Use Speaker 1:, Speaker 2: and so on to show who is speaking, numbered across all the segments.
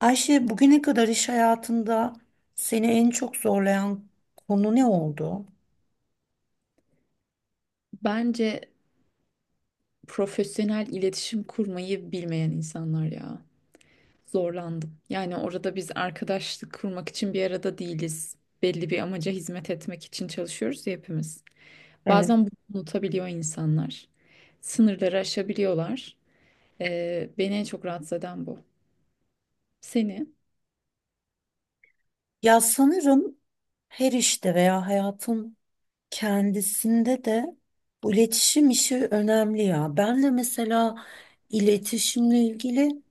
Speaker 1: Ayşe, bugüne kadar iş hayatında seni en çok zorlayan konu ne oldu?
Speaker 2: Bence profesyonel iletişim kurmayı bilmeyen insanlar ya. Zorlandım. Yani orada biz arkadaşlık kurmak için bir arada değiliz. Belli bir amaca hizmet etmek için çalışıyoruz ya hepimiz.
Speaker 1: Evet.
Speaker 2: Bazen bunu unutabiliyor insanlar. Sınırları aşabiliyorlar. Beni en çok rahatsız eden bu. Seni
Speaker 1: Ya sanırım her işte veya hayatın kendisinde de bu iletişim işi önemli ya. Ben de mesela iletişimle ilgili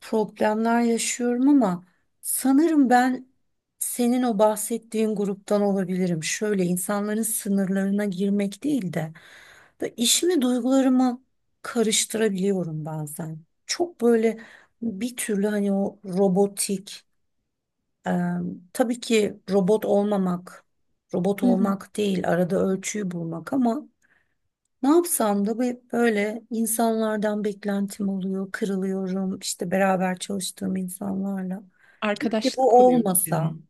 Speaker 1: problemler yaşıyorum ama sanırım ben senin o bahsettiğin gruptan olabilirim. Şöyle insanların sınırlarına girmek değil de böyle işimi duygularımı karıştırabiliyorum bazen. Çok böyle bir türlü hani o robotik Eee, tabii ki robot olmamak, robot
Speaker 2: hı hı.
Speaker 1: olmak değil, arada ölçüyü bulmak ama ne yapsam da böyle insanlardan beklentim oluyor, kırılıyorum işte beraber çalıştığım insanlarla. Keşke
Speaker 2: Arkadaşlık
Speaker 1: bu
Speaker 2: kuruyor gibi
Speaker 1: olmasa.
Speaker 2: mi?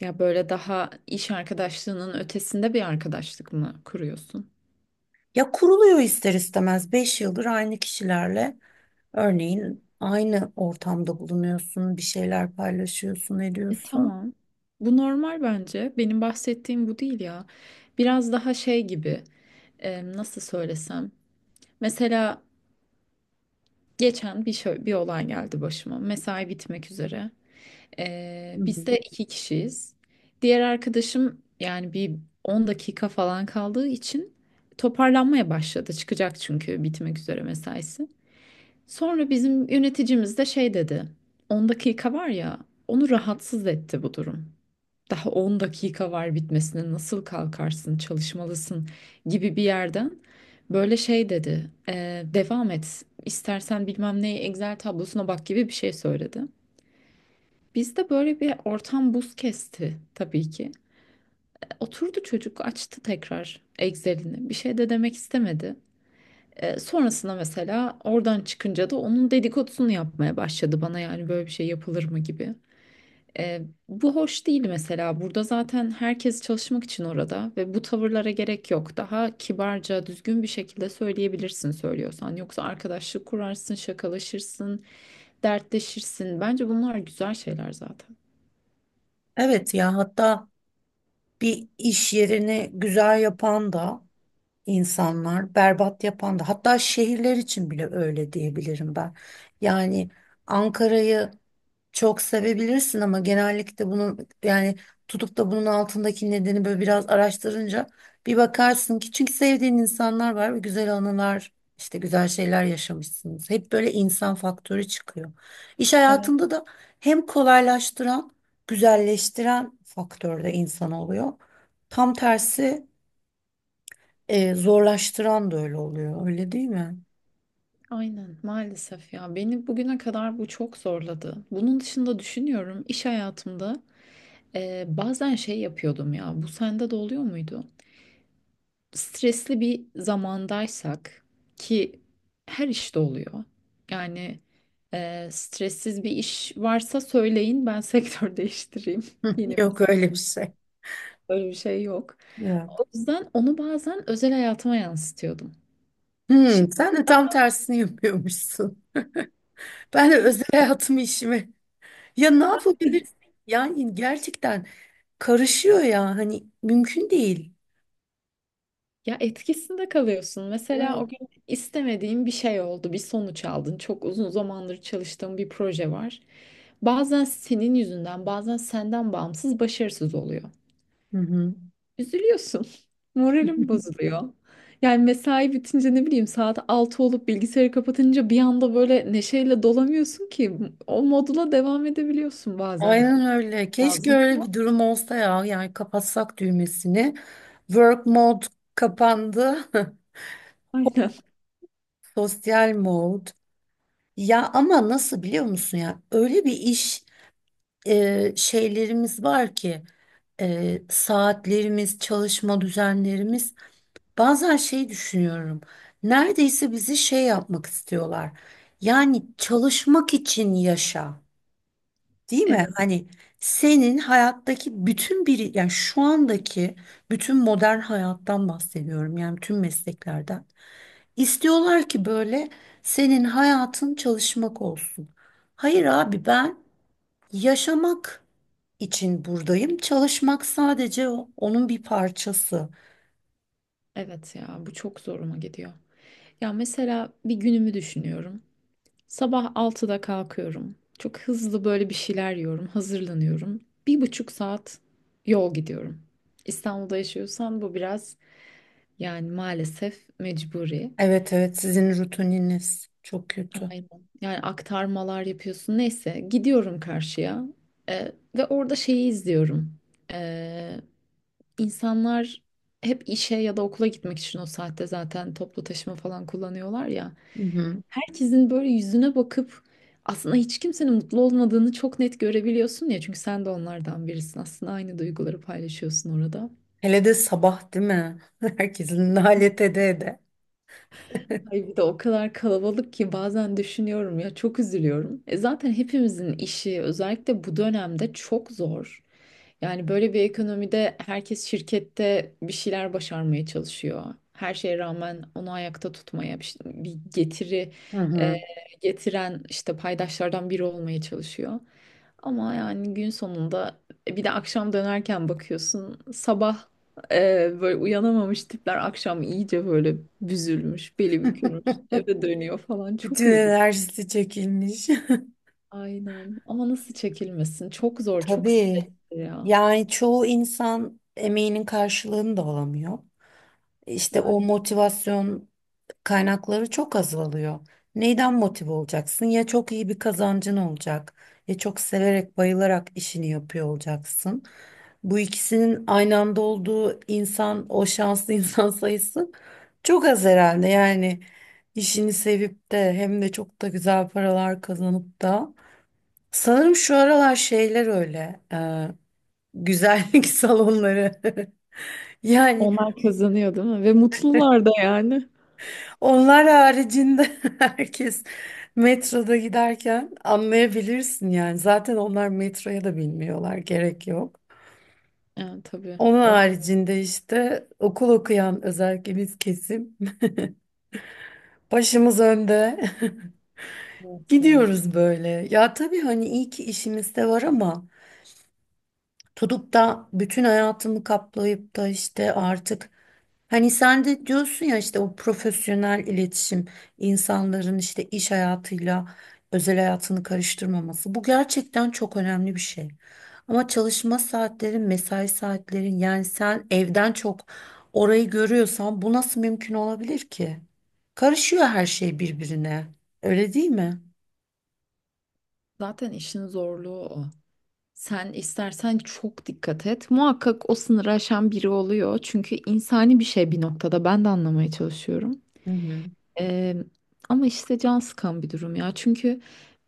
Speaker 2: Ya böyle daha iş arkadaşlığının ötesinde bir arkadaşlık mı kuruyorsun?
Speaker 1: Ya kuruluyor ister istemez 5 yıldır aynı kişilerle örneğin aynı ortamda bulunuyorsun, bir şeyler paylaşıyorsun,
Speaker 2: E,
Speaker 1: ediyorsun.
Speaker 2: tamam. Bu normal bence. Benim bahsettiğim bu değil ya. Biraz daha şey gibi. Nasıl söylesem. Mesela geçen bir olay geldi başıma. Mesai bitmek üzere.
Speaker 1: Hı
Speaker 2: E, biz
Speaker 1: hı.
Speaker 2: de iki kişiyiz. Diğer arkadaşım yani bir 10 dakika falan kaldığı için toparlanmaya başladı. Çıkacak çünkü bitmek üzere mesaisi. Sonra bizim yöneticimiz de şey dedi. 10 dakika var ya. Onu rahatsız etti bu durum. Daha 10 dakika var bitmesine, nasıl kalkarsın, çalışmalısın gibi bir yerden böyle şey dedi. Devam et. İstersen bilmem ne Excel tablosuna bak" gibi bir şey söyledi. Bizde böyle bir ortam buz kesti tabii ki. Oturdu çocuk, açtı tekrar Excel'ini. Bir şey de demek istemedi. Sonrasında mesela oradan çıkınca da onun dedikodusunu yapmaya başladı bana, yani böyle bir şey yapılır mı gibi. E, Bu hoş değil mesela. Burada zaten herkes çalışmak için orada ve bu tavırlara gerek yok. Daha kibarca, düzgün bir şekilde söyleyebilirsin söylüyorsan. Yoksa arkadaşlık kurarsın, şakalaşırsın, dertleşirsin. Bence bunlar güzel şeyler zaten.
Speaker 1: Evet ya, hatta bir iş yerini güzel yapan da insanlar, berbat yapan da, hatta şehirler için bile öyle diyebilirim ben. Yani Ankara'yı çok sevebilirsin ama genellikle bunu, yani tutup da bunun altındaki nedeni böyle biraz araştırınca bir bakarsın ki çünkü sevdiğin insanlar var ve güzel anılar işte güzel şeyler yaşamışsınız. Hep böyle insan faktörü çıkıyor. İş
Speaker 2: Evet.
Speaker 1: hayatında da hem kolaylaştıran, güzelleştiren faktör de insan oluyor. Tam tersi zorlaştıran da öyle oluyor, öyle değil mi?
Speaker 2: Aynen maalesef ya, beni bugüne kadar bu çok zorladı. Bunun dışında düşünüyorum iş hayatımda bazen şey yapıyordum ya, bu sende de oluyor muydu? Stresli bir zamandaysak ki her işte oluyor. Yani stressiz bir iş varsa söyleyin ben sektör değiştireyim.
Speaker 1: Hı,
Speaker 2: Yeni
Speaker 1: yok
Speaker 2: meslek
Speaker 1: öyle bir şey.
Speaker 2: böyle bir şey yok.
Speaker 1: Ya.
Speaker 2: O yüzden onu bazen özel hayatıma yansıtıyordum.
Speaker 1: Hmm,
Speaker 2: Şimdi
Speaker 1: sen de tam tersini yapıyormuşsun. Ben de özel hayatımı işime. Ya ne yapabilirsin? Yani gerçekten karışıyor ya. Hani mümkün değil.
Speaker 2: ya etkisinde kalıyorsun. Mesela
Speaker 1: Evet.
Speaker 2: o gün istemediğin bir şey oldu, bir sonuç aldın. Çok uzun zamandır çalıştığın bir proje var. Bazen senin yüzünden, bazen senden bağımsız başarısız oluyor.
Speaker 1: Hı hı.
Speaker 2: Üzülüyorsun. Moralim bozuluyor. Yani mesai bitince, ne bileyim, saat 6 olup bilgisayarı kapatınca bir anda böyle neşeyle dolamıyorsun ki, o modula devam edebiliyorsun bazen.
Speaker 1: Aynen öyle. Keşke
Speaker 2: Lazım.
Speaker 1: öyle
Speaker 2: Ama-
Speaker 1: bir durum olsa ya. Yani kapatsak düğmesini. Work mode kapandı.
Speaker 2: aynen.
Speaker 1: Sosyal mode. Ya ama nasıl biliyor musun ya? Öyle bir iş şeylerimiz var ki saatlerimiz, çalışma düzenlerimiz. Bazen şey düşünüyorum. Neredeyse bizi şey yapmak istiyorlar. Yani çalışmak için yaşa, değil mi?
Speaker 2: Evet,
Speaker 1: Hani senin hayattaki bütün bir, yani şu andaki bütün modern hayattan bahsediyorum. Yani tüm mesleklerden. İstiyorlar ki böyle senin hayatın çalışmak olsun. Hayır abi ben yaşamak için buradayım. Çalışmak sadece onun bir parçası.
Speaker 2: evet ya, bu çok zoruma gidiyor. Ya mesela bir günümü düşünüyorum. Sabah altıda kalkıyorum. Çok hızlı böyle bir şeyler yiyorum, hazırlanıyorum. Bir buçuk saat yol gidiyorum. İstanbul'da yaşıyorsan bu biraz, yani maalesef mecburi.
Speaker 1: Evet evet, sizin rutininiz çok kötü.
Speaker 2: Aynen. Yani aktarmalar yapıyorsun. Neyse, gidiyorum karşıya. Ee, Ve orada şeyi izliyorum. Ee, insanlar hep işe ya da okula gitmek için o saatte zaten toplu taşıma falan kullanıyorlar ya.
Speaker 1: Hı hı.
Speaker 2: Herkesin böyle yüzüne bakıp aslında hiç kimsenin mutlu olmadığını çok net görebiliyorsun ya. Çünkü sen de onlardan birisin. Aslında aynı duyguları paylaşıyorsun orada.
Speaker 1: Hele de sabah değil mi? Herkesin nalet ede ede.
Speaker 2: Ay bir de o kadar kalabalık ki, bazen düşünüyorum ya, çok üzülüyorum. E zaten hepimizin işi özellikle bu dönemde çok zor. Yani böyle bir ekonomide herkes şirkette bir şeyler başarmaya çalışıyor. Her şeye rağmen onu ayakta tutmaya, bir getiri
Speaker 1: Hı
Speaker 2: e,
Speaker 1: hı.
Speaker 2: getiren işte paydaşlardan biri olmaya çalışıyor. Ama yani gün sonunda bir de akşam dönerken bakıyorsun, sabah böyle uyanamamış tipler akşam iyice böyle büzülmüş, beli bükülmüş, eve dönüyor falan.
Speaker 1: Bütün
Speaker 2: Çok üzücü.
Speaker 1: enerjisi çekilmiş.
Speaker 2: Aynen. Ama nasıl çekilmesin? Çok zor, çok stresli
Speaker 1: Tabii.
Speaker 2: ya.
Speaker 1: Yani çoğu insan emeğinin karşılığını da alamıyor. İşte o
Speaker 2: Aynen.
Speaker 1: motivasyon kaynakları çok azalıyor. Neyden motive olacaksın? Ya çok iyi bir kazancın olacak, ya çok severek, bayılarak işini yapıyor olacaksın. Bu ikisinin aynı anda olduğu insan, o şanslı insan sayısı çok az herhalde. Yani işini sevip de hem de çok da güzel paralar kazanıp da. Sanırım şu aralar şeyler öyle, güzellik salonları. Yani
Speaker 2: Onlar kazanıyor, değil mi? Ve mutlular da yani.
Speaker 1: onlar haricinde herkes metroda giderken anlayabilirsin yani. Zaten onlar metroya da bilmiyorlar, gerek yok.
Speaker 2: Evet tabii.
Speaker 1: Onun
Speaker 2: On-
Speaker 1: haricinde işte okul okuyan özellikle biz kesim başımız önde
Speaker 2: evet ya.
Speaker 1: gidiyoruz böyle. Ya tabii hani iyi ki işimiz de var ama tutup da bütün hayatımı kaplayıp da işte artık. Hani sen de diyorsun ya işte o profesyonel iletişim, insanların işte iş hayatıyla özel hayatını karıştırmaması, bu gerçekten çok önemli bir şey. Ama çalışma saatlerin, mesai saatlerin, yani sen evden çok orayı görüyorsan bu nasıl mümkün olabilir ki? Karışıyor her şey birbirine. Öyle değil mi?
Speaker 2: Zaten işin zorluğu o. Sen istersen çok dikkat et, muhakkak o sınırı aşan biri oluyor. Çünkü insani bir şey bir noktada. Ben de anlamaya çalışıyorum.
Speaker 1: Hı hı.
Speaker 2: Eee, Ama işte can sıkan bir durum ya. Çünkü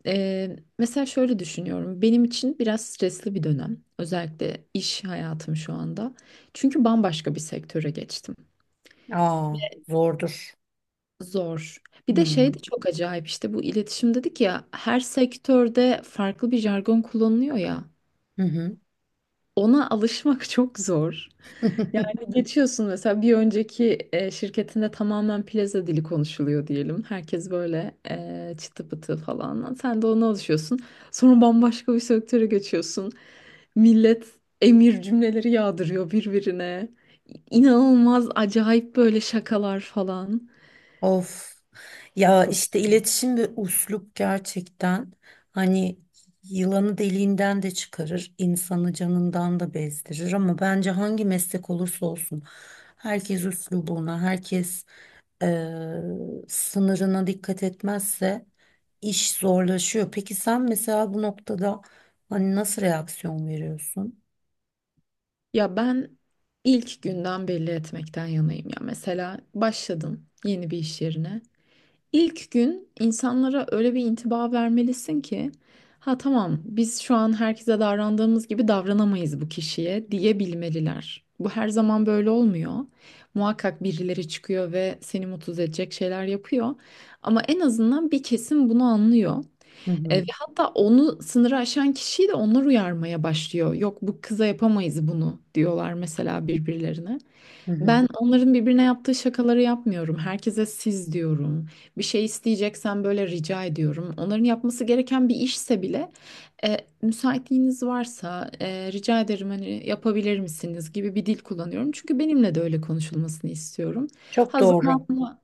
Speaker 2: mesela şöyle düşünüyorum. Benim için biraz stresli bir dönem. Özellikle iş hayatım şu anda. Çünkü bambaşka bir sektöre geçtim.
Speaker 1: Aa, zordur.
Speaker 2: Zor. Bir
Speaker 1: Hı
Speaker 2: de
Speaker 1: hı.
Speaker 2: şey de çok acayip, işte bu iletişim dedik ya, her sektörde farklı bir jargon kullanılıyor ya.
Speaker 1: Hı hı.
Speaker 2: Ona alışmak çok zor. Yani geçiyorsun mesela, bir önceki şirketinde tamamen plaza dili konuşuluyor diyelim. Herkes böyle çıtı pıtı falan. Sen de ona alışıyorsun. Sonra bambaşka bir sektöre geçiyorsun. Millet emir cümleleri yağdırıyor birbirine. İnanılmaz acayip böyle şakalar falan.
Speaker 1: Of ya,
Speaker 2: Çok.
Speaker 1: işte iletişim ve üslup gerçekten, hani yılanı deliğinden de çıkarır, insanı canından da bezdirir ama bence hangi meslek olursa olsun herkes üslubuna, herkes eee, sınırına dikkat etmezse iş zorlaşıyor. Peki sen mesela bu noktada hani nasıl reaksiyon veriyorsun?
Speaker 2: Ya ben ilk günden belli etmekten yanayım ya. Mesela başladın yeni bir iş yerine. İlk gün insanlara öyle bir intiba vermelisin ki, ha tamam, biz şu an herkese davrandığımız gibi davranamayız bu kişiye diyebilmeliler. Bu her zaman böyle olmuyor. Muhakkak birileri çıkıyor ve seni mutsuz edecek şeyler yapıyor. Ama en azından bir kesim bunu anlıyor.
Speaker 1: Hı
Speaker 2: Ve
Speaker 1: hı,
Speaker 2: hatta onu, sınırı aşan kişiyi de onlar uyarmaya başlıyor. Yok bu kıza yapamayız bunu diyorlar mesela birbirlerine.
Speaker 1: hı hı.
Speaker 2: Ben onların birbirine yaptığı şakaları yapmıyorum. Herkese siz diyorum. Bir şey isteyeceksen böyle rica ediyorum. Onların yapması gereken bir işse bile müsaitliğiniz varsa, rica ederim, hani yapabilir misiniz gibi bir dil kullanıyorum. Çünkü benimle de öyle konuşulmasını istiyorum.
Speaker 1: Çok
Speaker 2: Ha
Speaker 1: doğru.
Speaker 2: zamanla,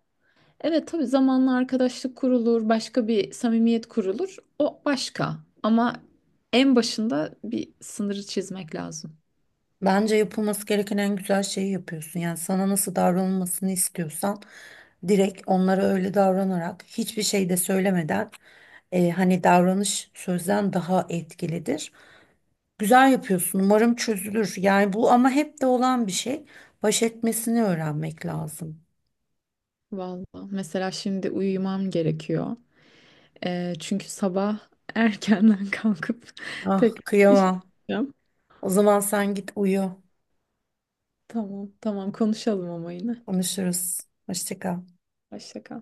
Speaker 2: evet tabii, zamanla arkadaşlık kurulur, başka bir samimiyet kurulur. O başka. Ama en başında bir sınırı çizmek lazım.
Speaker 1: Bence yapılması gereken en güzel şeyi yapıyorsun. Yani sana nasıl davranılmasını istiyorsan direkt onlara öyle davranarak hiçbir şey de söylemeden, hani davranış sözden daha etkilidir. Güzel yapıyorsun. Umarım çözülür. Yani bu ama hep de olan bir şey. Baş etmesini öğrenmek lazım.
Speaker 2: Vallahi mesela şimdi uyumam gerekiyor. Çünkü sabah erkenden kalkıp
Speaker 1: Ah
Speaker 2: tekrar iş
Speaker 1: kıyamam.
Speaker 2: yapacağım.
Speaker 1: O zaman sen git uyu.
Speaker 2: Tamam, tamam, konuşalım ama yine.
Speaker 1: Konuşuruz. Hoşça kal.
Speaker 2: Hoşça kal.